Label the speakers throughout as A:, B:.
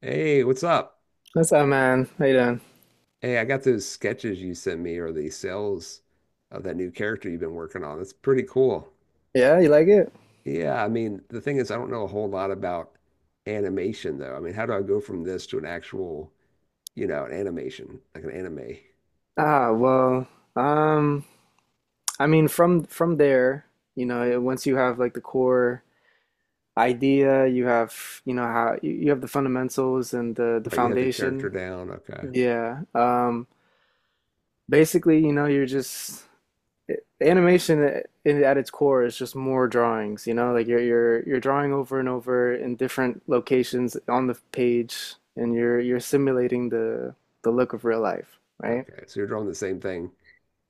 A: Hey, what's up?
B: What's up, man? How you doing?
A: Hey, I got those sketches you sent me or the sales of that new character you've been working on. That's pretty cool.
B: Yeah, you like it?
A: Yeah, I mean, the thing is, I don't know a whole lot about animation though. I mean, how do I go from this to an actual, an animation, like an anime?
B: Ah, well, um, I mean, from there, you know, once you have like the core idea, you have, you know, how you have the fundamentals and the
A: Right, you have the character
B: foundation.
A: down. Okay.
B: Yeah. Basically, you know, animation at its core is just more drawings, you know, like you're drawing over and over in different locations on the page, and you're simulating the look of real life, right?
A: Okay. So you're drawing the same thing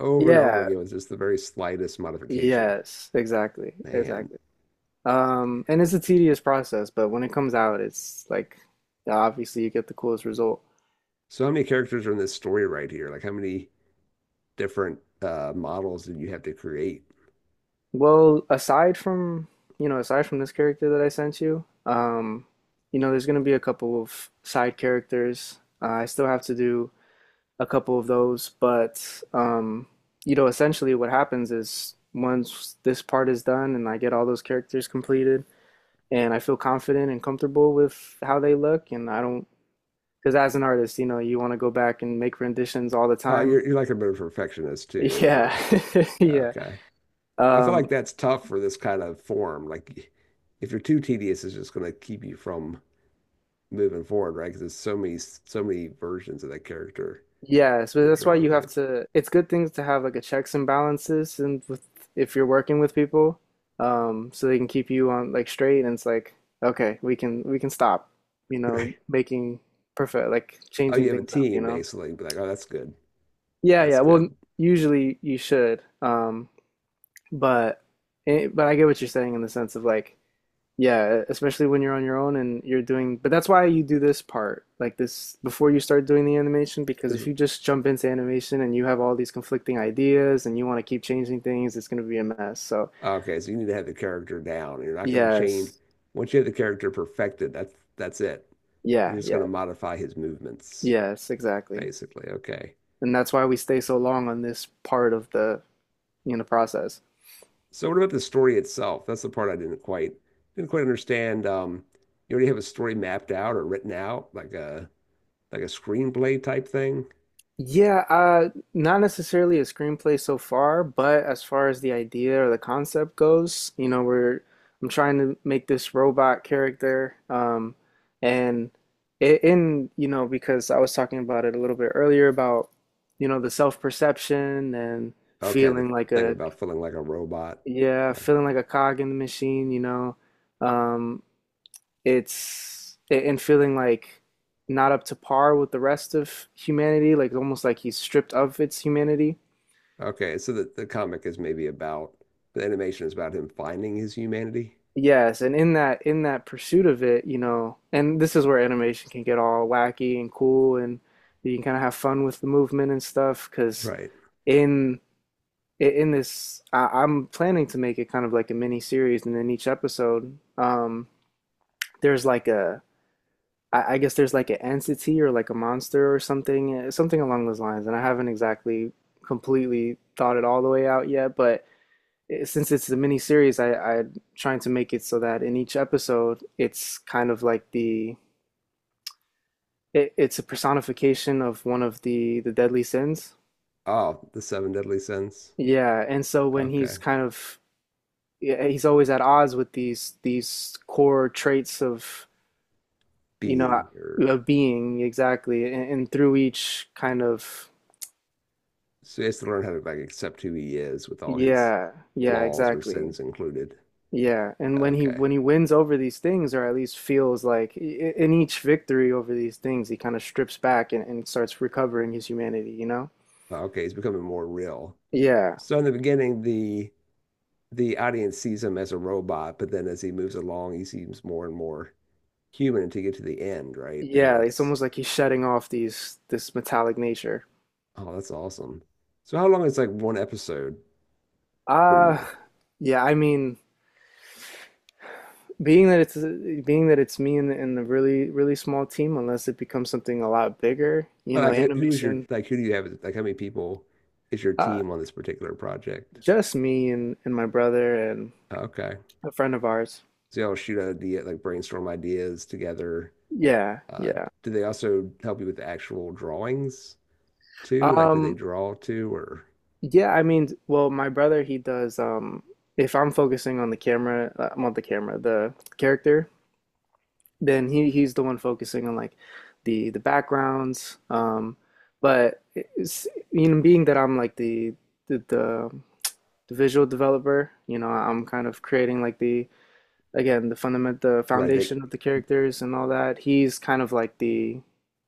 A: over and over
B: Yeah.
A: again with just the very slightest modification.
B: Yes, exactly,
A: Man.
B: exactly. And it's a tedious process, but when it comes out, it's like obviously you get the coolest result.
A: So how many characters are in this story right here? Like how many different models did you have to create?
B: Well, aside from this character that I sent you, you know, there's gonna be a couple of side characters. I still have to do a couple of those, but um, you know, essentially what happens is once this part is done and I get all those characters completed, and I feel confident and comfortable with how they look, and I don't because as an artist, you know, you want to go back and make renditions all the
A: Oh,
B: time.
A: you're like a bit of a perfectionist too. You
B: Yeah.
A: wanna
B: Yeah.
A: Okay. I feel
B: Um,
A: like that's tough for this kind of form. Like if you're too tedious, it's just gonna keep you from moving forward, right? Because there's so many versions of that character
B: yeah, so
A: you're
B: that's why
A: drawing,
B: you have
A: right?
B: to it's good things to have like a checks and balances, and with if you're working with people, so they can keep you on like straight and it's like, okay, we can stop, you know,
A: Right.
B: making perfect like
A: Oh, you
B: changing
A: have a
B: things up, you
A: team
B: know?
A: basically. Be like, oh, that's good.
B: Yeah,
A: That's
B: yeah. Well,
A: good.
B: usually you should. But but I get what you're saying in the sense of like yeah, especially when you're on your own and you're doing, but that's why you do this part, like this, before you start doing the animation, because
A: This
B: if you just jump into animation and you have all these conflicting ideas and you want to keep changing things, it's going to be a mess. So,
A: Okay. So you need to have the character down. You're not gonna change.
B: yes,
A: Once you have the character perfected, that's it. You're
B: yeah,
A: just gonna
B: yeah,
A: modify his movements,
B: yes, exactly.
A: basically. Okay.
B: And that's why we stay so long on this part of the, you know, process.
A: So what about the story itself? That's the part I didn't quite understand. You already have a story mapped out or written out, like a screenplay type thing.
B: Yeah, not necessarily a screenplay so far, but as far as the idea or the concept goes, you know, we're I'm trying to make this robot character, and it, in you know because I was talking about it a little bit earlier about you know the self-perception and
A: Okay, the
B: feeling like
A: thing
B: a
A: about feeling like a robot.
B: yeah
A: Okay,
B: feeling like a cog in the machine, you know, um, it's and feeling like not up to par with the rest of humanity, like almost like he's stripped of its humanity.
A: okay. So the comic is maybe about the animation is about him finding his humanity.
B: Yes, and in that pursuit of it, you know, and this is where animation can get all wacky and cool and you can kind of have fun with the movement and stuff because
A: Right.
B: in in this I'm planning to make it kind of like a mini series, and then each episode there's like a I guess there's like an entity or like a monster or something, something along those lines. And I haven't exactly completely thought it all the way out yet, but since it's a mini series, I'm trying to make it so that in each episode, it's kind of like it's a personification of one of the deadly sins.
A: Oh, the seven deadly sins.
B: Yeah, and so when he's
A: Okay.
B: kind of yeah, he's always at odds with these core traits of you know
A: Being or
B: a being exactly, and through each kind of
A: So he has to learn how to like accept who he is with all his
B: yeah, yeah,
A: flaws or
B: exactly.
A: sins included.
B: Yeah, and when he
A: Okay.
B: when he wins over these things, or at least feels like in each victory over these things, he kind of strips back, and starts recovering his humanity, you know?
A: Okay, he's becoming more real.
B: Yeah,
A: So in the beginning, the audience sees him as a robot, but then as he moves along, he seems more and more human to get to the end, right? Then
B: yeah, it's
A: it's
B: almost like he's shedding off these this metallic nature.
A: Oh, that's awesome. So how long is like one episode for
B: Uh,
A: you?
B: yeah, I mean, being that it's being that it's me and a really really small team, unless it becomes something a lot bigger, you know, animation,
A: Like who do you have Like how many people is your
B: uh,
A: team on this particular project?
B: just me and my brother and
A: Okay.
B: a friend of ours.
A: So y'all shoot out idea, like, brainstorm ideas together.
B: Yeah,
A: Uh,
B: yeah.
A: do they also help you with the actual drawings too? Like do they
B: Um,
A: draw too, or
B: yeah, I mean, well, my brother, he does, if I'm focusing on the camera, I'm on the camera, the character, then he's the one focusing on like the backgrounds. But it's, you know, being that I'm like the, the the visual developer, you know, I'm kind of creating like the
A: right they
B: foundation of the characters and all that. He's kind of like the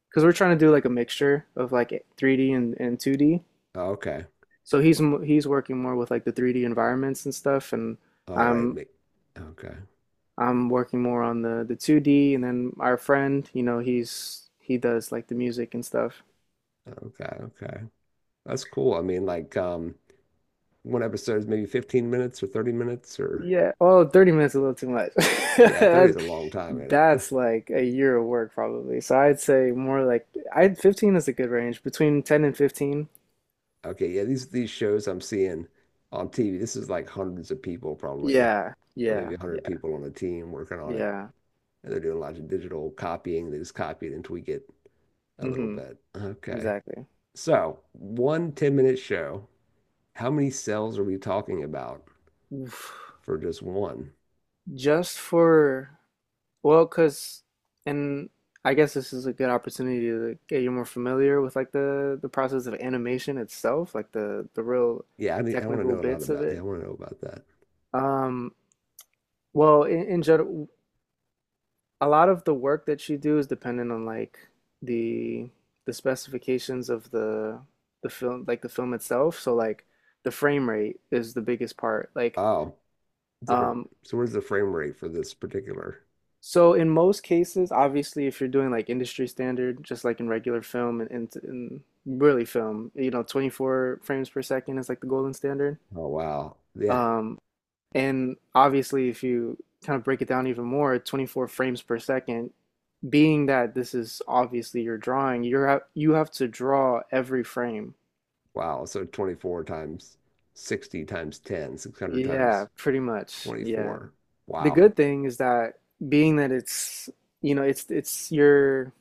B: because we're trying to do like a mixture of like 3D and 2D.
A: oh, okay.
B: So he's working more with like the 3D environments and stuff, and
A: All right,
B: I'm
A: okay,
B: I'm working more on the 2D, and then our friend, you know, he does like the music and stuff.
A: okay, okay. That's cool. I mean, like, one episode is maybe 15 minutes or 30 minutes or,
B: Yeah. Oh, 30 minutes is a little too much.
A: yeah, 30
B: That's,
A: is a long time in it.
B: that's like a year of work probably. So I'd say more like I 15 is a good range between 10 and 15.
A: Okay, yeah, these shows I'm seeing on TV, this is like hundreds of people probably,
B: Yeah.
A: or maybe
B: Yeah.
A: 100
B: Yeah.
A: people on a team working on it.
B: Yeah.
A: And they're doing lots of digital copying. They just copy it and tweak it a little
B: Hmm.
A: bit. Okay.
B: Exactly.
A: So, one 10-minute show, how many cells are we talking about
B: Oof.
A: for just one?
B: Just for Well, cause, and I guess this is a good opportunity to get you more familiar with like the process of animation itself, like the real
A: Yeah, I want to
B: technical
A: know a lot
B: bits of
A: about. Yeah, I
B: it.
A: want to know about that.
B: Um, well, in general, a lot of the work that you do is dependent on like the the specifications of the film, like the film itself. So like the frame rate is the biggest part. Like
A: Oh, different.
B: um,
A: So where's the frame rate for this particular?
B: so in most cases, obviously, if you're doing like industry standard, just like in regular film and really film, you know, 24 frames per second is like the golden standard.
A: Oh, wow. Yeah.
B: Um, and obviously, if you kind of break it down even more, 24 frames per second, being that this is obviously your drawing, you have to draw every frame.
A: Wow. So 24 times 60 times ten, 600
B: Yeah,
A: times
B: pretty much. Yeah.
A: 24.
B: The
A: Wow.
B: good thing is that being that it's, you know, it's your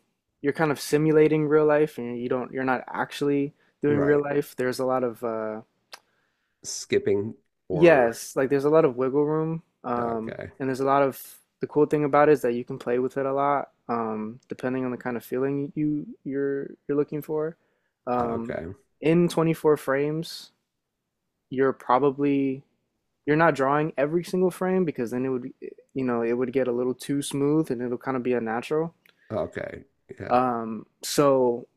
B: you're kind of simulating real life, and you're not actually doing real
A: Right.
B: life. There's a lot of
A: Skipping or.
B: yes, like there's a lot of wiggle room,
A: Okay.
B: and there's a lot of the cool thing about it is that you can play with it a lot, depending on the kind of feeling you're looking for, um
A: Okay.
B: in 24 frames you're probably you're not drawing every single frame because then it would get a little too smooth and it'll kind of be unnatural,
A: Okay. Yeah.
B: so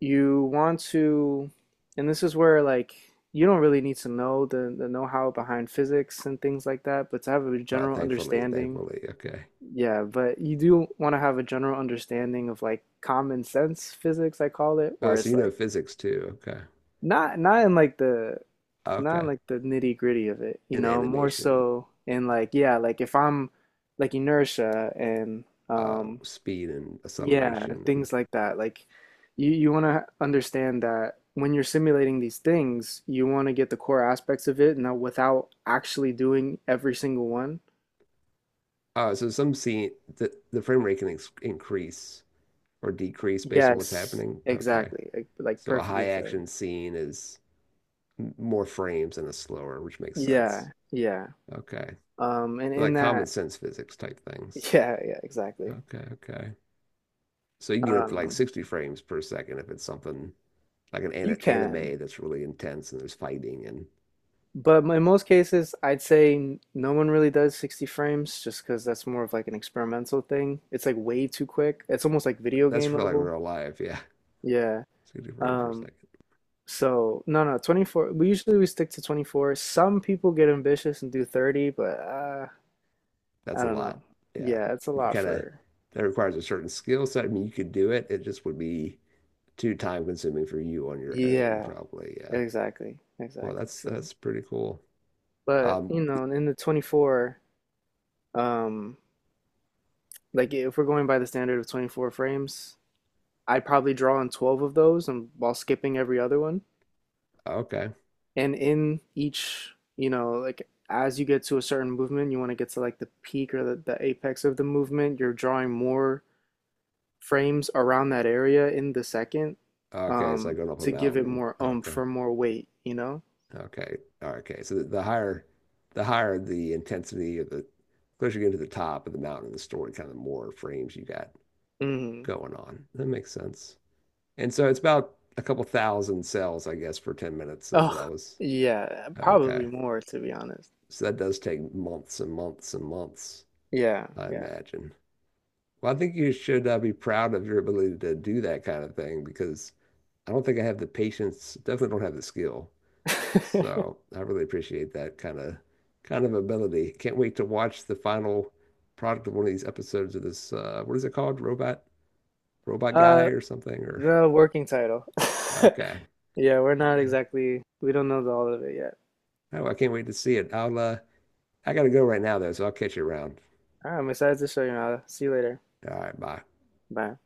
B: you want to and this is where like you don't really need to know the know-how behind physics and things like that but to have a
A: Oh,
B: general
A: thankfully,
B: understanding.
A: thankfully. Okay.
B: Yeah, but you do want to have a general understanding of like common sense physics I call it
A: Uh,
B: where
A: so
B: it's
A: you know
B: like
A: physics too. Okay.
B: not not in like the not in
A: Okay.
B: like the nitty gritty of it, you
A: And
B: know, more
A: animation.
B: so in like yeah, like if I'm like inertia and
A: Speed and
B: yeah, and
A: acceleration.
B: things like that. Like you want to understand that when you're simulating these things, you want to get the core aspects of it now without actually doing every single one.
A: So some scene the frame rate can ex increase or decrease based on what's
B: Yes,
A: happening. Okay.
B: exactly. Like
A: So a high
B: perfectly said.
A: action scene is more frames and a slower, which makes sense.
B: Yeah, yeah.
A: Okay.
B: And
A: So,
B: in
A: like, common
B: that,
A: sense physics type things.
B: yeah, yeah, exactly.
A: Okay, okay. So you can get up to like
B: Um,
A: 60 frames per second if it's something like an,
B: you
A: an
B: can.
A: anime that's really intense and there's fighting and
B: But in most cases, I'd say no one really does 60 frames just because that's more of like an experimental thing. It's like way too quick. It's almost like video
A: that's
B: game
A: for like
B: level.
A: real life, yeah.
B: Yeah.
A: 60 frames per
B: Um,
A: second.
B: so no, no, 24. We usually we stick to 24. Some people get ambitious and do 30, but
A: That's
B: I
A: a
B: don't
A: lot.
B: know.
A: Yeah.
B: Yeah, it's a
A: You
B: lot
A: kind of,
B: for.
A: that requires a certain skill set. I mean, you could do it. It just would be too time consuming for you on your own,
B: Yeah,
A: probably. Yeah.
B: exactly.
A: Well,
B: Exactly.
A: that's
B: So,
A: that's pretty cool.
B: but
A: Um,
B: you know, in the 24, um, like if we're going by the standard of 24 frames, I probably draw on 12 of those and while skipping every other one.
A: okay.
B: And in each, you know, like as you get to a certain movement, you want to get to like the peak or the apex of the movement, you're drawing more frames around that area in the second,
A: Okay, it's like going up a
B: to give it
A: mountain.
B: more oomph
A: Okay.
B: or more weight, you know?
A: Okay. All right, okay. So the higher the intensity of the closer you get to the top of the mountain the story, kind of more frames you got
B: Hmm.
A: going on. That makes sense. And so it's about a couple thousand cells, I guess, for 10 minutes is what I
B: Oh,
A: was.
B: yeah,
A: Okay.
B: probably more to be honest.
A: So that does take months and months and months,
B: Yeah,
A: I
B: yeah.
A: imagine. Well, I think you should be proud of your ability to do that kind of thing because I don't think I have the patience, definitely don't have the skill. So I really appreciate that kind of ability. Can't wait to watch the final product of one of these episodes of this what is it called? Robot Guy
B: Uh,
A: or something or
B: no, working title.
A: okay.
B: Yeah, we're
A: All
B: not
A: right.
B: exactly, we don't know all of it yet.
A: Oh, I can't wait to see it. I gotta go right now though, so I'll catch you around.
B: All right, I'm excited to show you, now. See you later.
A: All right, bye.
B: Bye.